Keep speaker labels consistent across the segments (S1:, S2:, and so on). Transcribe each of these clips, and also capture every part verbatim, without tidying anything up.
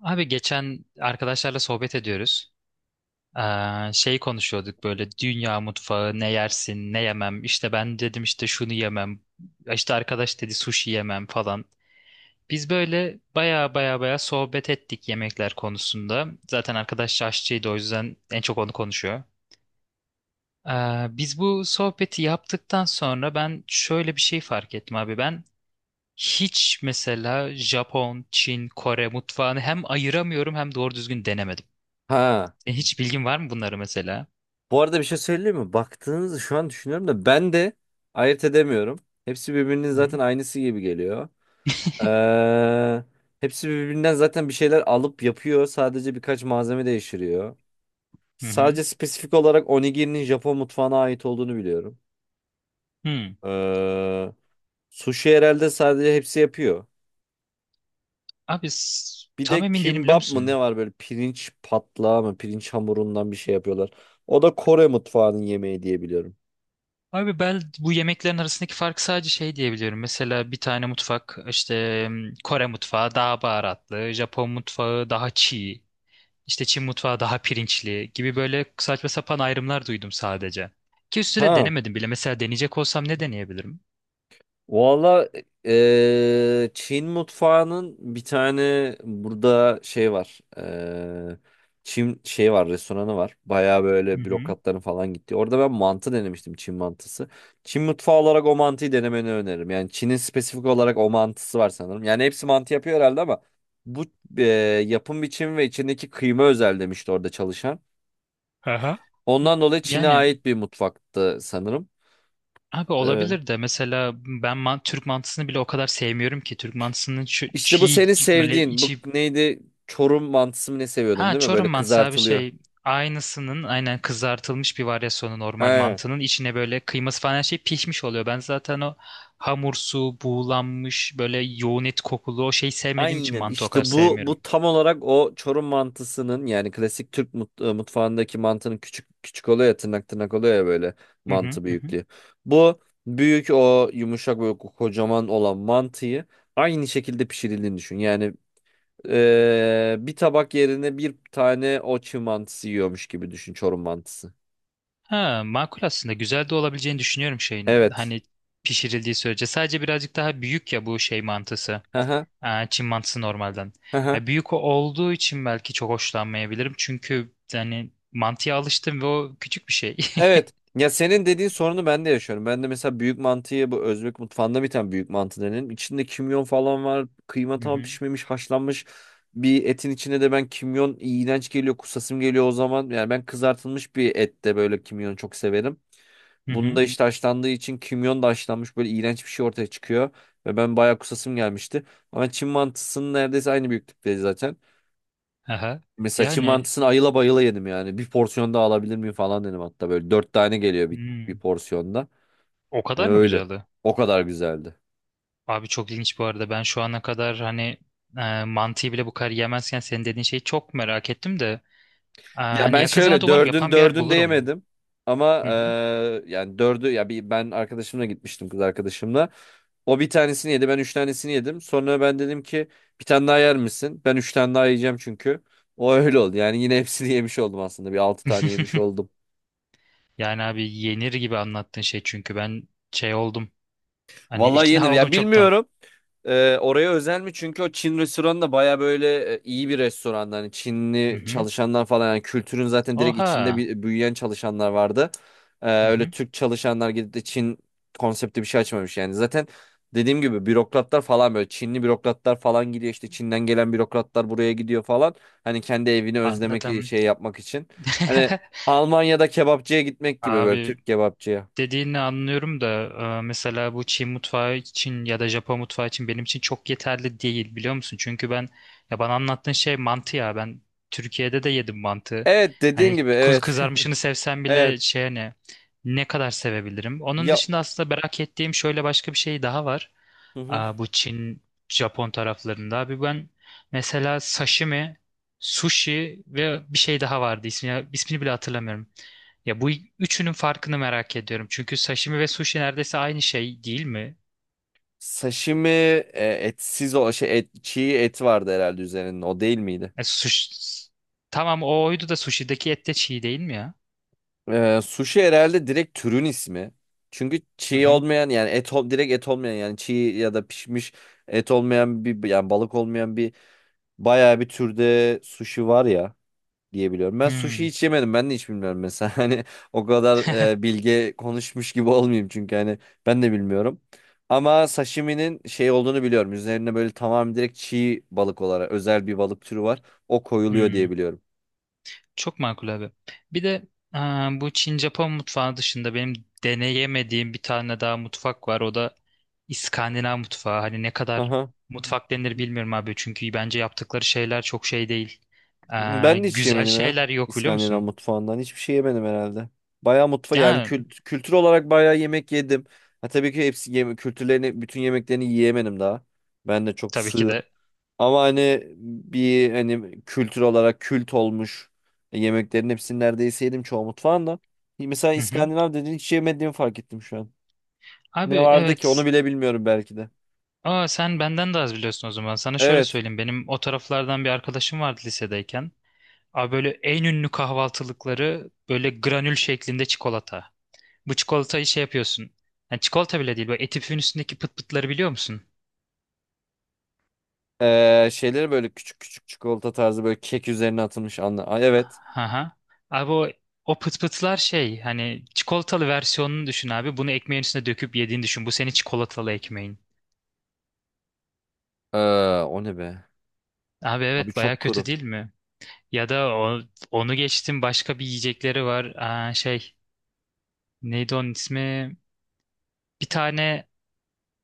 S1: Abi geçen arkadaşlarla sohbet ediyoruz. Ee, şey konuşuyorduk böyle dünya mutfağı ne yersin ne yemem. İşte ben dedim işte şunu yemem. İşte arkadaş dedi sushi yemem falan. Biz böyle baya baya baya sohbet ettik yemekler konusunda. Zaten arkadaş aşçıydı o yüzden en çok onu konuşuyor. Ee, biz bu sohbeti yaptıktan sonra ben şöyle bir şey fark ettim abi. Ben hiç mesela Japon, Çin, Kore mutfağını hem ayıramıyorum hem doğru düzgün denemedim.
S2: Ha.
S1: E, hiç bilgin var mı bunları mesela?
S2: Bu arada bir şey söyleyeyim mi? Baktığınızı şu an düşünüyorum da ben de ayırt edemiyorum. Hepsi birbirinin
S1: Hı hı.
S2: zaten aynısı gibi geliyor. Ee, hepsi birbirinden zaten bir şeyler alıp yapıyor. Sadece birkaç malzeme değiştiriyor.
S1: Hı hı.
S2: Sadece spesifik olarak onigirinin Japon mutfağına ait olduğunu biliyorum.
S1: Hı.
S2: Ee, sushi herhalde sadece hepsi yapıyor.
S1: Abi s-
S2: Bir
S1: tam
S2: de
S1: emin değilim biliyor
S2: kimbap mı ne
S1: musun?
S2: var böyle pirinç patlağı mı pirinç hamurundan bir şey yapıyorlar. O da Kore mutfağının yemeği diye biliyorum.
S1: Abi ben bu yemeklerin arasındaki farkı sadece şey diyebiliyorum. Mesela bir tane mutfak işte m, Kore mutfağı daha baharatlı, Japon mutfağı daha çiğ, işte Çin mutfağı daha pirinçli gibi böyle saçma sapan ayrımlar duydum sadece. Ki üstüne
S2: Ha.
S1: denemedim bile. Mesela deneyecek olsam ne deneyebilirim?
S2: Valla eee, Çin mutfağının bir tane burada şey var. Eee, Çin şey var restoranı var. Baya
S1: Hı
S2: böyle
S1: hı.
S2: bürokratların falan gitti. Orada ben mantı denemiştim Çin mantısı. Çin mutfağı olarak o mantıyı denemeni öneririm. Yani Çin'in spesifik olarak o mantısı var sanırım. Yani hepsi mantı yapıyor herhalde ama bu eee, yapım biçimi ve içindeki kıyma özel demişti orada çalışan.
S1: Aha.
S2: Ondan dolayı Çin'e
S1: Yani
S2: ait bir mutfaktı sanırım.
S1: abi olabilir de mesela ben man- Türk mantısını bile o kadar sevmiyorum ki. Türk mantısının şu
S2: İşte bu
S1: çiğ
S2: seni
S1: böyle
S2: sevdiğin. Bu
S1: içi...
S2: neydi? Çorum mantısı mı ne seviyordun
S1: Ha
S2: değil mi? Böyle
S1: Çorum mantısı abi
S2: kızartılıyor.
S1: şey aynısının aynen kızartılmış bir varyasyonu normal
S2: He.
S1: mantının içine böyle kıyması falan her şey pişmiş oluyor. Ben zaten o hamursu, buğulanmış böyle yoğun et kokulu o şeyi sevmediğim için
S2: Aynen
S1: mantı o kadar
S2: işte bu
S1: sevmiyorum.
S2: bu tam olarak o Çorum mantısının yani klasik Türk mut- e, mutfağındaki mantının küçük küçük oluyor ya tırnak tırnak oluyor ya böyle
S1: Hı hı
S2: mantı
S1: hı. Hı.
S2: büyüklüğü. Bu büyük o yumuşak böyle kocaman olan mantıyı aynı şekilde pişirildiğini düşün. Yani e, bir tabak yerine bir tane o çiğ mantısı yiyormuş gibi düşün Çorum mantısı.
S1: Ha makul aslında güzel de olabileceğini düşünüyorum şeyin.
S2: Evet.
S1: Hani pişirildiği sürece sadece birazcık daha büyük ya bu şey mantısı.
S2: Hı hı.
S1: Ha, Çin mantısı normalden.
S2: Hı hı.
S1: Ya büyük o- olduğu için belki çok hoşlanmayabilirim. Çünkü yani mantıya alıştım ve o küçük bir şey.
S2: Evet. Ya senin dediğin sorunu ben de yaşıyorum. Ben de mesela büyük mantıyı bu Özbek mutfağında bir tane büyük mantı denen. İçinde kimyon falan var. Kıyma
S1: Hı
S2: tam
S1: hı.
S2: pişmemiş, haşlanmış. Bir etin içine de ben kimyon iğrenç geliyor, kusasım geliyor o zaman. Yani ben kızartılmış bir ette böyle kimyonu çok severim.
S1: Hı
S2: Bunda
S1: hı.
S2: işte haşlandığı için kimyon da haşlanmış böyle iğrenç bir şey ortaya çıkıyor. Ve ben bayağı kusasım gelmişti. Ama Çin mantısının neredeyse aynı büyüklükte zaten.
S1: Aha.
S2: Mesela Çin
S1: Yani
S2: mantısını ayıla bayıla yedim yani. Bir porsiyon daha alabilir miyim falan dedim hatta. Böyle dört tane geliyor bir, bir
S1: hmm,
S2: porsiyonda.
S1: o
S2: Hani
S1: kadar mı
S2: öyle.
S1: güzeldi?
S2: O kadar güzeldi.
S1: Abi çok ilginç bu arada. Ben şu ana kadar hani e, mantıyı bile bu kadar yemezken senin dediğin şeyi çok merak ettim de e,
S2: Ya
S1: hani
S2: ben
S1: yakın zamanda
S2: şöyle
S1: umarım
S2: dördün
S1: yapan bir yer
S2: dördün de
S1: bulurum.
S2: yemedim. Ama
S1: Hı hı.
S2: eee, yani dördü ya bir ben arkadaşımla gitmiştim kız arkadaşımla. O bir tanesini yedi ben üç tanesini yedim. Sonra ben dedim ki bir tane daha yer misin? Ben üç tane daha yiyeceğim çünkü. O öyle oldu. Yani yine hepsini yemiş oldum aslında. Bir altı tane yemiş oldum.
S1: Yani abi yenir gibi anlattığın şey çünkü ben şey oldum. Hani
S2: Vallahi yenir.
S1: ikna oldum
S2: Ya
S1: çoktan.
S2: bilmiyorum. Ee, oraya özel mi? Çünkü o Çin restoranı da baya böyle e, iyi bir restoran. Hani
S1: Hı
S2: Çinli
S1: hı.
S2: çalışanlar falan. Yani kültürün zaten direkt içinde
S1: Oha.
S2: bir, büyüyen çalışanlar vardı. Ee,
S1: Hı
S2: öyle
S1: hı.
S2: Türk çalışanlar gidip de Çin konsepti bir şey açmamış yani. Zaten dediğim gibi bürokratlar falan böyle Çinli bürokratlar falan gidiyor. İşte Çin'den gelen bürokratlar buraya gidiyor falan. Hani kendi evini özlemek e,
S1: Anladım.
S2: şey yapmak için. Hani Almanya'da kebapçıya gitmek gibi böyle
S1: Abi
S2: Türk kebapçıya.
S1: dediğini anlıyorum da e, mesela bu Çin mutfağı için ya da Japon mutfağı için benim için çok yeterli değil biliyor musun? Çünkü ben ya bana anlattığın şey mantı ya ben Türkiye'de de yedim mantı.
S2: Evet dediğin
S1: Hani
S2: gibi
S1: kuz
S2: evet.
S1: kızarmışını sevsem bile
S2: Evet.
S1: şey hani ne kadar sevebilirim? Onun
S2: Ya
S1: dışında aslında merak ettiğim şöyle başka bir şey daha var.
S2: Hı hı.
S1: Aa, bu Çin, Japon taraflarında. Abi ben mesela sashimi, sushi ve bir şey daha vardı ismi, ismini bile hatırlamıyorum. Ya bu üçünün farkını merak ediyorum. Çünkü sashimi ve sushi neredeyse aynı şey değil mi?
S2: Sashimi e, etsiz o şey et, çiğ et vardı herhalde üzerinde o değil miydi?
S1: E, sushi... Tamam o oydu da sushi'deki et de çiğ değil mi ya?
S2: Ee, sushi herhalde direkt türün ismi. Çünkü
S1: Hı
S2: çiğ
S1: hı.
S2: olmayan yani et ol- direkt et olmayan yani çiğ ya da pişmiş et olmayan bir yani balık olmayan bir bayağı bir türde sushi var ya diyebiliyorum. Ben sushi
S1: Hmm,
S2: hiç yemedim. Ben de hiç bilmiyorum mesela. Hani o kadar e, bilge konuşmuş gibi olmayayım çünkü hani ben de bilmiyorum. Ama sashimi'nin şey olduğunu biliyorum. Üzerine böyle tamamen direkt çiğ balık olarak özel bir balık türü var. O koyuluyor diye
S1: hmm.
S2: biliyorum.
S1: Çok makul abi. Bir de aa, bu Çin-Japon mutfağı dışında benim deneyemediğim bir tane daha mutfak var. O da İskandinav mutfağı. Hani ne kadar
S2: Aha.
S1: mutfak denir bilmiyorum abi. Çünkü bence yaptıkları şeyler çok şey değil. Aa,
S2: Ben de hiç
S1: güzel
S2: yemedim ya.
S1: şeyler yok biliyor
S2: İskandinav
S1: musun?
S2: mutfağından hiçbir şey yemedim herhalde. Bayağı mutfa yani
S1: Ya
S2: kült- kültür olarak bayağı yemek yedim. Ha, tabii ki hepsi yeme kültürlerini bütün yemeklerini yiyemedim daha. Ben de çok
S1: tabii ki
S2: sığ.
S1: de.
S2: Ama hani bir hani kültür olarak kült olmuş e, yemeklerin hepsini neredeyse yedim çoğu mutfağında. Mesela
S1: Hı hı.
S2: İskandinav dediğin hiç yemediğimi fark ettim şu an.
S1: Abi
S2: Ne vardı ki
S1: evet.
S2: onu bile bilmiyorum belki de.
S1: Aa, sen benden de az biliyorsun o zaman. Sana şöyle
S2: Evet.
S1: söyleyeyim. Benim o taraflardan bir arkadaşım vardı lisedeyken. Abi böyle en ünlü kahvaltılıkları böyle granül şeklinde çikolata. Bu çikolatayı şey yapıyorsun. Yani çikolata bile değil. Böyle eti püfün üstündeki pıt pıtları biliyor musun?
S2: Ee, şeyleri böyle küçük küçük çikolata tarzı böyle kek üzerine atılmış anla. Ay, evet.
S1: Aha. Abi o, o pıt pıtlar şey hani çikolatalı versiyonunu düşün abi. Bunu ekmeğin üstüne döküp yediğini düşün. Bu senin çikolatalı ekmeğin.
S2: Ee, o ne be?
S1: Abi
S2: Abi
S1: evet baya
S2: çok
S1: kötü
S2: kuru.
S1: değil mi? Ya da o, onu geçtim başka bir yiyecekleri var. Aa, şey. Neydi onun ismi? Bir tane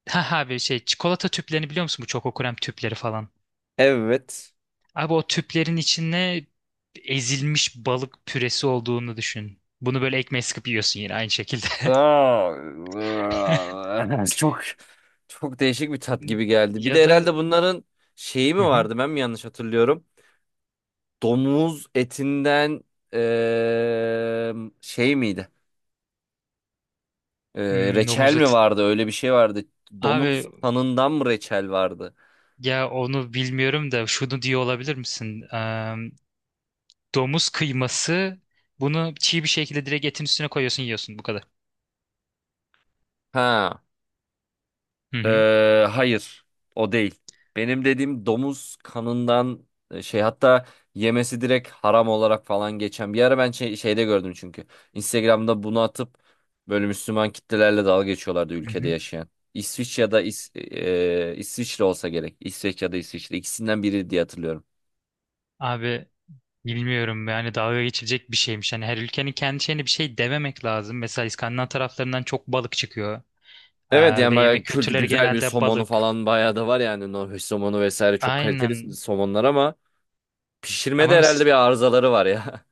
S1: ha ha bir şey çikolata tüplerini biliyor musun? Bu Choco krem tüpleri falan.
S2: Evet.
S1: Abi o tüplerin içinde ezilmiş balık püresi olduğunu düşün. Bunu böyle ekmeğe sıkıp yiyorsun yine aynı şekilde.
S2: Aa, çok çok değişik bir tat gibi geldi. Bir
S1: Ya
S2: de
S1: da
S2: herhalde bunların şeyi mi
S1: hı hı.
S2: vardı? Ben mi yanlış hatırlıyorum? Domuz etinden eee, şey miydi? Eee,
S1: Hmm,
S2: reçel
S1: domuz
S2: mi
S1: eti.
S2: vardı? Öyle bir şey vardı. Domuz
S1: Abi
S2: kanından mı reçel vardı?
S1: ya onu bilmiyorum da şunu diyor olabilir misin? Eee, domuz kıyması bunu çiğ bir şekilde direkt etin üstüne koyuyorsun yiyorsun bu kadar.
S2: Ha.
S1: Hı hı.
S2: eee, hayır. O değil. Benim dediğim domuz kanından e, şey, hatta yemesi direkt haram olarak falan geçen. Bir ara ben şey- şeyde gördüm çünkü. Instagram'da bunu atıp böyle Müslüman kitlelerle dalga geçiyorlardı
S1: Hı
S2: ülkede
S1: hı.
S2: yaşayan. İsviç ya da İs, eee, İsviçre olsa gerek. İsveç ya da İsviçre ikisinden biri diye hatırlıyorum.
S1: Abi bilmiyorum yani dalga geçilecek bir şeymiş. Hani her ülkenin kendi şeyine bir şey dememek lazım. Mesela İskandinav taraflarından çok balık çıkıyor.
S2: Evet
S1: Ee,
S2: yani
S1: ve
S2: bayağı
S1: yemek
S2: kült,
S1: kültürleri
S2: güzel bir
S1: genelde
S2: somonu
S1: balık.
S2: falan bayağı da var yani Norveç somonu vesaire çok kaliteli
S1: Aynen.
S2: somonlar ama pişirmede
S1: Ama mesela
S2: herhalde bir arızaları var ya.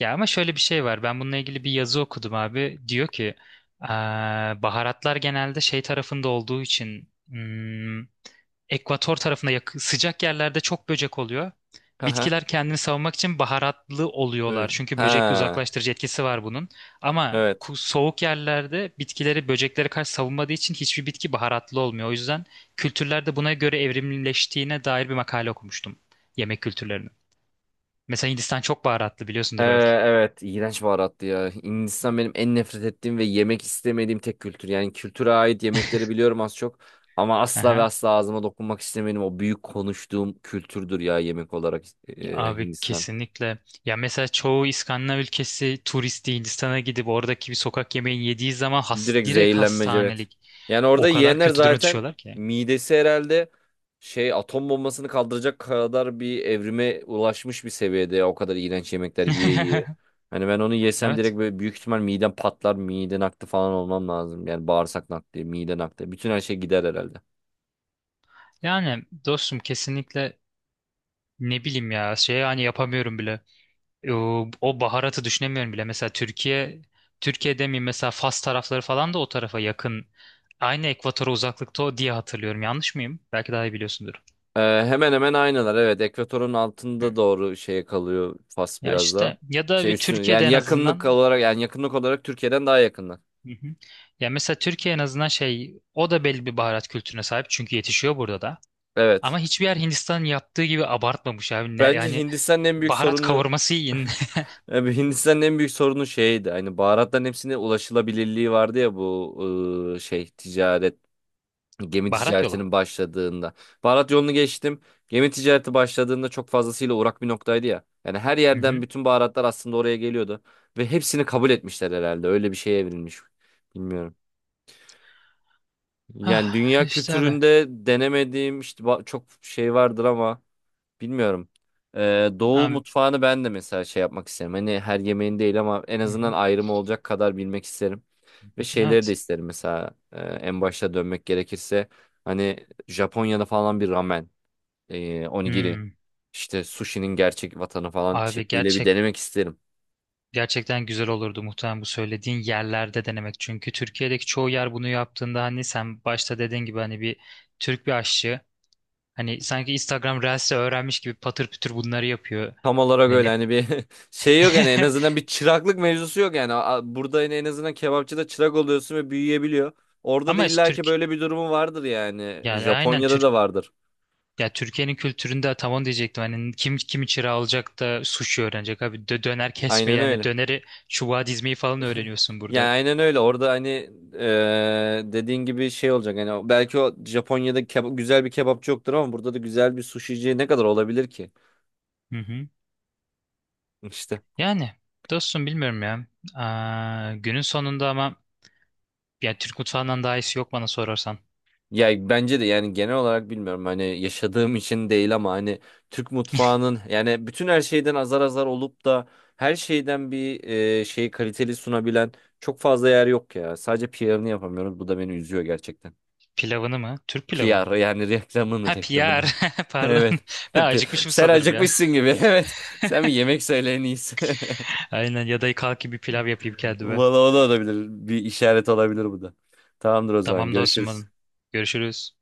S1: ya ama şöyle bir şey var. Ben bununla ilgili bir yazı okudum abi. Diyor ki "Aa, baharatlar genelde şey tarafında olduğu için hmm, ekvator tarafında yak- sıcak yerlerde çok böcek oluyor.
S2: Aha.
S1: Bitkiler kendini savunmak için baharatlı oluyorlar.
S2: Öyle.
S1: Çünkü böcek
S2: Ha.
S1: uzaklaştırıcı etkisi var bunun. Ama
S2: Evet.
S1: ku- soğuk yerlerde bitkileri böceklere karşı savunmadığı için hiçbir bitki baharatlı olmuyor." O yüzden kültürlerde buna göre evrimleştiğine dair bir makale okumuştum. Yemek kültürlerinin. Mesela Hindistan çok baharatlı
S2: Ee,
S1: biliyorsundur belki.
S2: evet iğrenç baharattı ya. Hindistan benim en nefret ettiğim ve yemek istemediğim tek kültür. Yani kültüre ait yemekleri biliyorum az çok ama asla ve
S1: Aha.
S2: asla ağzıma dokunmak istemediğim o büyük konuştuğum kültürdür ya yemek olarak e,
S1: Abi
S2: Hindistan.
S1: kesinlikle. Ya mesela çoğu İskandinav ülkesi turisti Hindistan'a gidip oradaki bir sokak yemeği yediği zaman has,
S2: Direkt
S1: direkt
S2: zehirlenmece evet.
S1: hastanelik.
S2: Yani orada
S1: O kadar
S2: yiyenler
S1: kötü duruma
S2: zaten
S1: düşüyorlar ki.
S2: midesi herhalde şey atom bombasını kaldıracak kadar bir evrime ulaşmış bir seviyede ya, o kadar iğrenç yemekler yiye yiye. Hani ben onu yesem
S1: Evet.
S2: direkt böyle büyük ihtimal midem patlar, mide nakli falan olmam lazım. Yani bağırsak nakli, mide nakli, bütün her şey gider herhalde.
S1: Yani dostum kesinlikle ne bileyim ya şey hani yapamıyorum bile. O, o baharatı düşünemiyorum bile. Mesela Türkiye Türkiye'de mi mesela Fas tarafları falan da o tarafa yakın. Aynı ekvatora uzaklıkta o diye hatırlıyorum. Yanlış mıyım? Belki daha iyi biliyorsundur.
S2: Ee, hemen hemen aynılar evet. Ekvatorun
S1: Hı.
S2: altında doğru şeye kalıyor Fas
S1: Ya
S2: biraz daha.
S1: işte ya da
S2: Şey
S1: bir
S2: üstüne
S1: Türkiye'de
S2: yani
S1: en
S2: yakınlık
S1: azından...
S2: olarak yani yakınlık olarak Türkiye'den daha yakınlar.
S1: Hı hı. Ya mesela Türkiye en azından şey o da belli bir baharat kültürüne sahip çünkü yetişiyor burada da. Ama
S2: Evet.
S1: hiçbir yer Hindistan'ın yaptığı gibi abartmamış abi. Ne-
S2: Bence
S1: yani
S2: Hindistan'ın en büyük
S1: baharat
S2: sorunu
S1: kavurması yiyin.
S2: Abi Hindistan'ın en büyük sorunu şeydi. Hani baharatların hepsine ulaşılabilirliği vardı ya bu ıı, şey ticaret gemi
S1: Baharat
S2: ticaretinin
S1: yolu.
S2: başladığında. Baharat yolunu geçtim. Gemi ticareti başladığında çok fazlasıyla uğrak bir noktaydı ya. Yani her
S1: Hı
S2: yerden
S1: hı.
S2: bütün baharatlar aslında oraya geliyordu ve hepsini kabul etmişler herhalde. Öyle bir şeye evrilmiş. Bilmiyorum. Yani
S1: Ah,
S2: dünya
S1: işte abi.
S2: kültüründe denemediğim işte ba- çok şey vardır ama bilmiyorum. Ee, Doğu
S1: Abi.
S2: mutfağını ben de mesela şey yapmak isterim. Hani her yemeğin değil ama en
S1: Hı
S2: azından
S1: hı.
S2: ayrımı olacak kadar bilmek isterim. Ve şeyleri de
S1: Evet.
S2: isterim mesela e, en başta dönmek gerekirse hani Japonya'da falan bir ramen, e, onigiri,
S1: Hmm.
S2: işte sushi'nin gerçek vatanı falan
S1: Abi
S2: şekliyle bir
S1: gerçek
S2: denemek isterim.
S1: gerçekten güzel olurdu muhtemelen bu söylediğin yerlerde denemek. Çünkü Türkiye'deki çoğu yer bunu yaptığında hani sen başta dediğin gibi hani bir Türk bir aşçı hani sanki Instagram Reels'i öğrenmiş gibi patır pütür bunları yapıyor.
S2: Tam olarak
S1: Hani
S2: öyle
S1: ne
S2: hani bir şey yok yani en azından bir çıraklık mevzusu yok yani. A- Burada yine en azından kebapçıda çırak oluyorsun ve büyüyebiliyor. Orada da
S1: Ama es- Türk
S2: illaki böyle bir durumu vardır yani.
S1: yani aynen
S2: Japonya'da
S1: Türk
S2: da vardır.
S1: ya Türkiye'nin kültüründe tam onu diyecektim. Hani kim kim çırağı alacak da sushi öğrenecek abi. Dö- döner kesme
S2: Aynen
S1: yani
S2: öyle.
S1: döneri çubuğa dizmeyi falan öğreniyorsun
S2: Yani
S1: burada.
S2: aynen öyle. Orada hani eee, dediğin gibi şey olacak. Hani o- belki o Japonya'da keba- güzel bir kebapçı yoktur ama burada da güzel bir suşici ne kadar olabilir ki?
S1: Hı hı.
S2: İşte.
S1: Yani dostum bilmiyorum ya. Aa, günün sonunda ama ya Türk mutfağından daha iyisi yok bana sorarsan.
S2: Ya bence de yani genel olarak bilmiyorum hani yaşadığım için değil ama hani Türk mutfağının yani bütün her şeyden azar azar olup da her şeyden bir eee şeyi kaliteli sunabilen çok fazla yer yok ya. Sadece P R'ını yapamıyoruz. Bu da beni üzüyor gerçekten.
S1: Pilavını mı? Türk pilavını mı?
S2: P R yani reklamını
S1: Ha piyar.
S2: reklamını.
S1: Pardon.
S2: Evet.
S1: Ben acıkmışım
S2: Sen
S1: sanırım ya.
S2: acıkmışsın gibi. Evet. Sen bir yemek söyle en iyisi.
S1: Aynen ya da kalkayım bir pilav yapayım kendime.
S2: Valla o da olabilir. Bir işaret olabilir bu da. Tamamdır o zaman.
S1: Tamam dostum
S2: Görüşürüz.
S1: benim. Görüşürüz.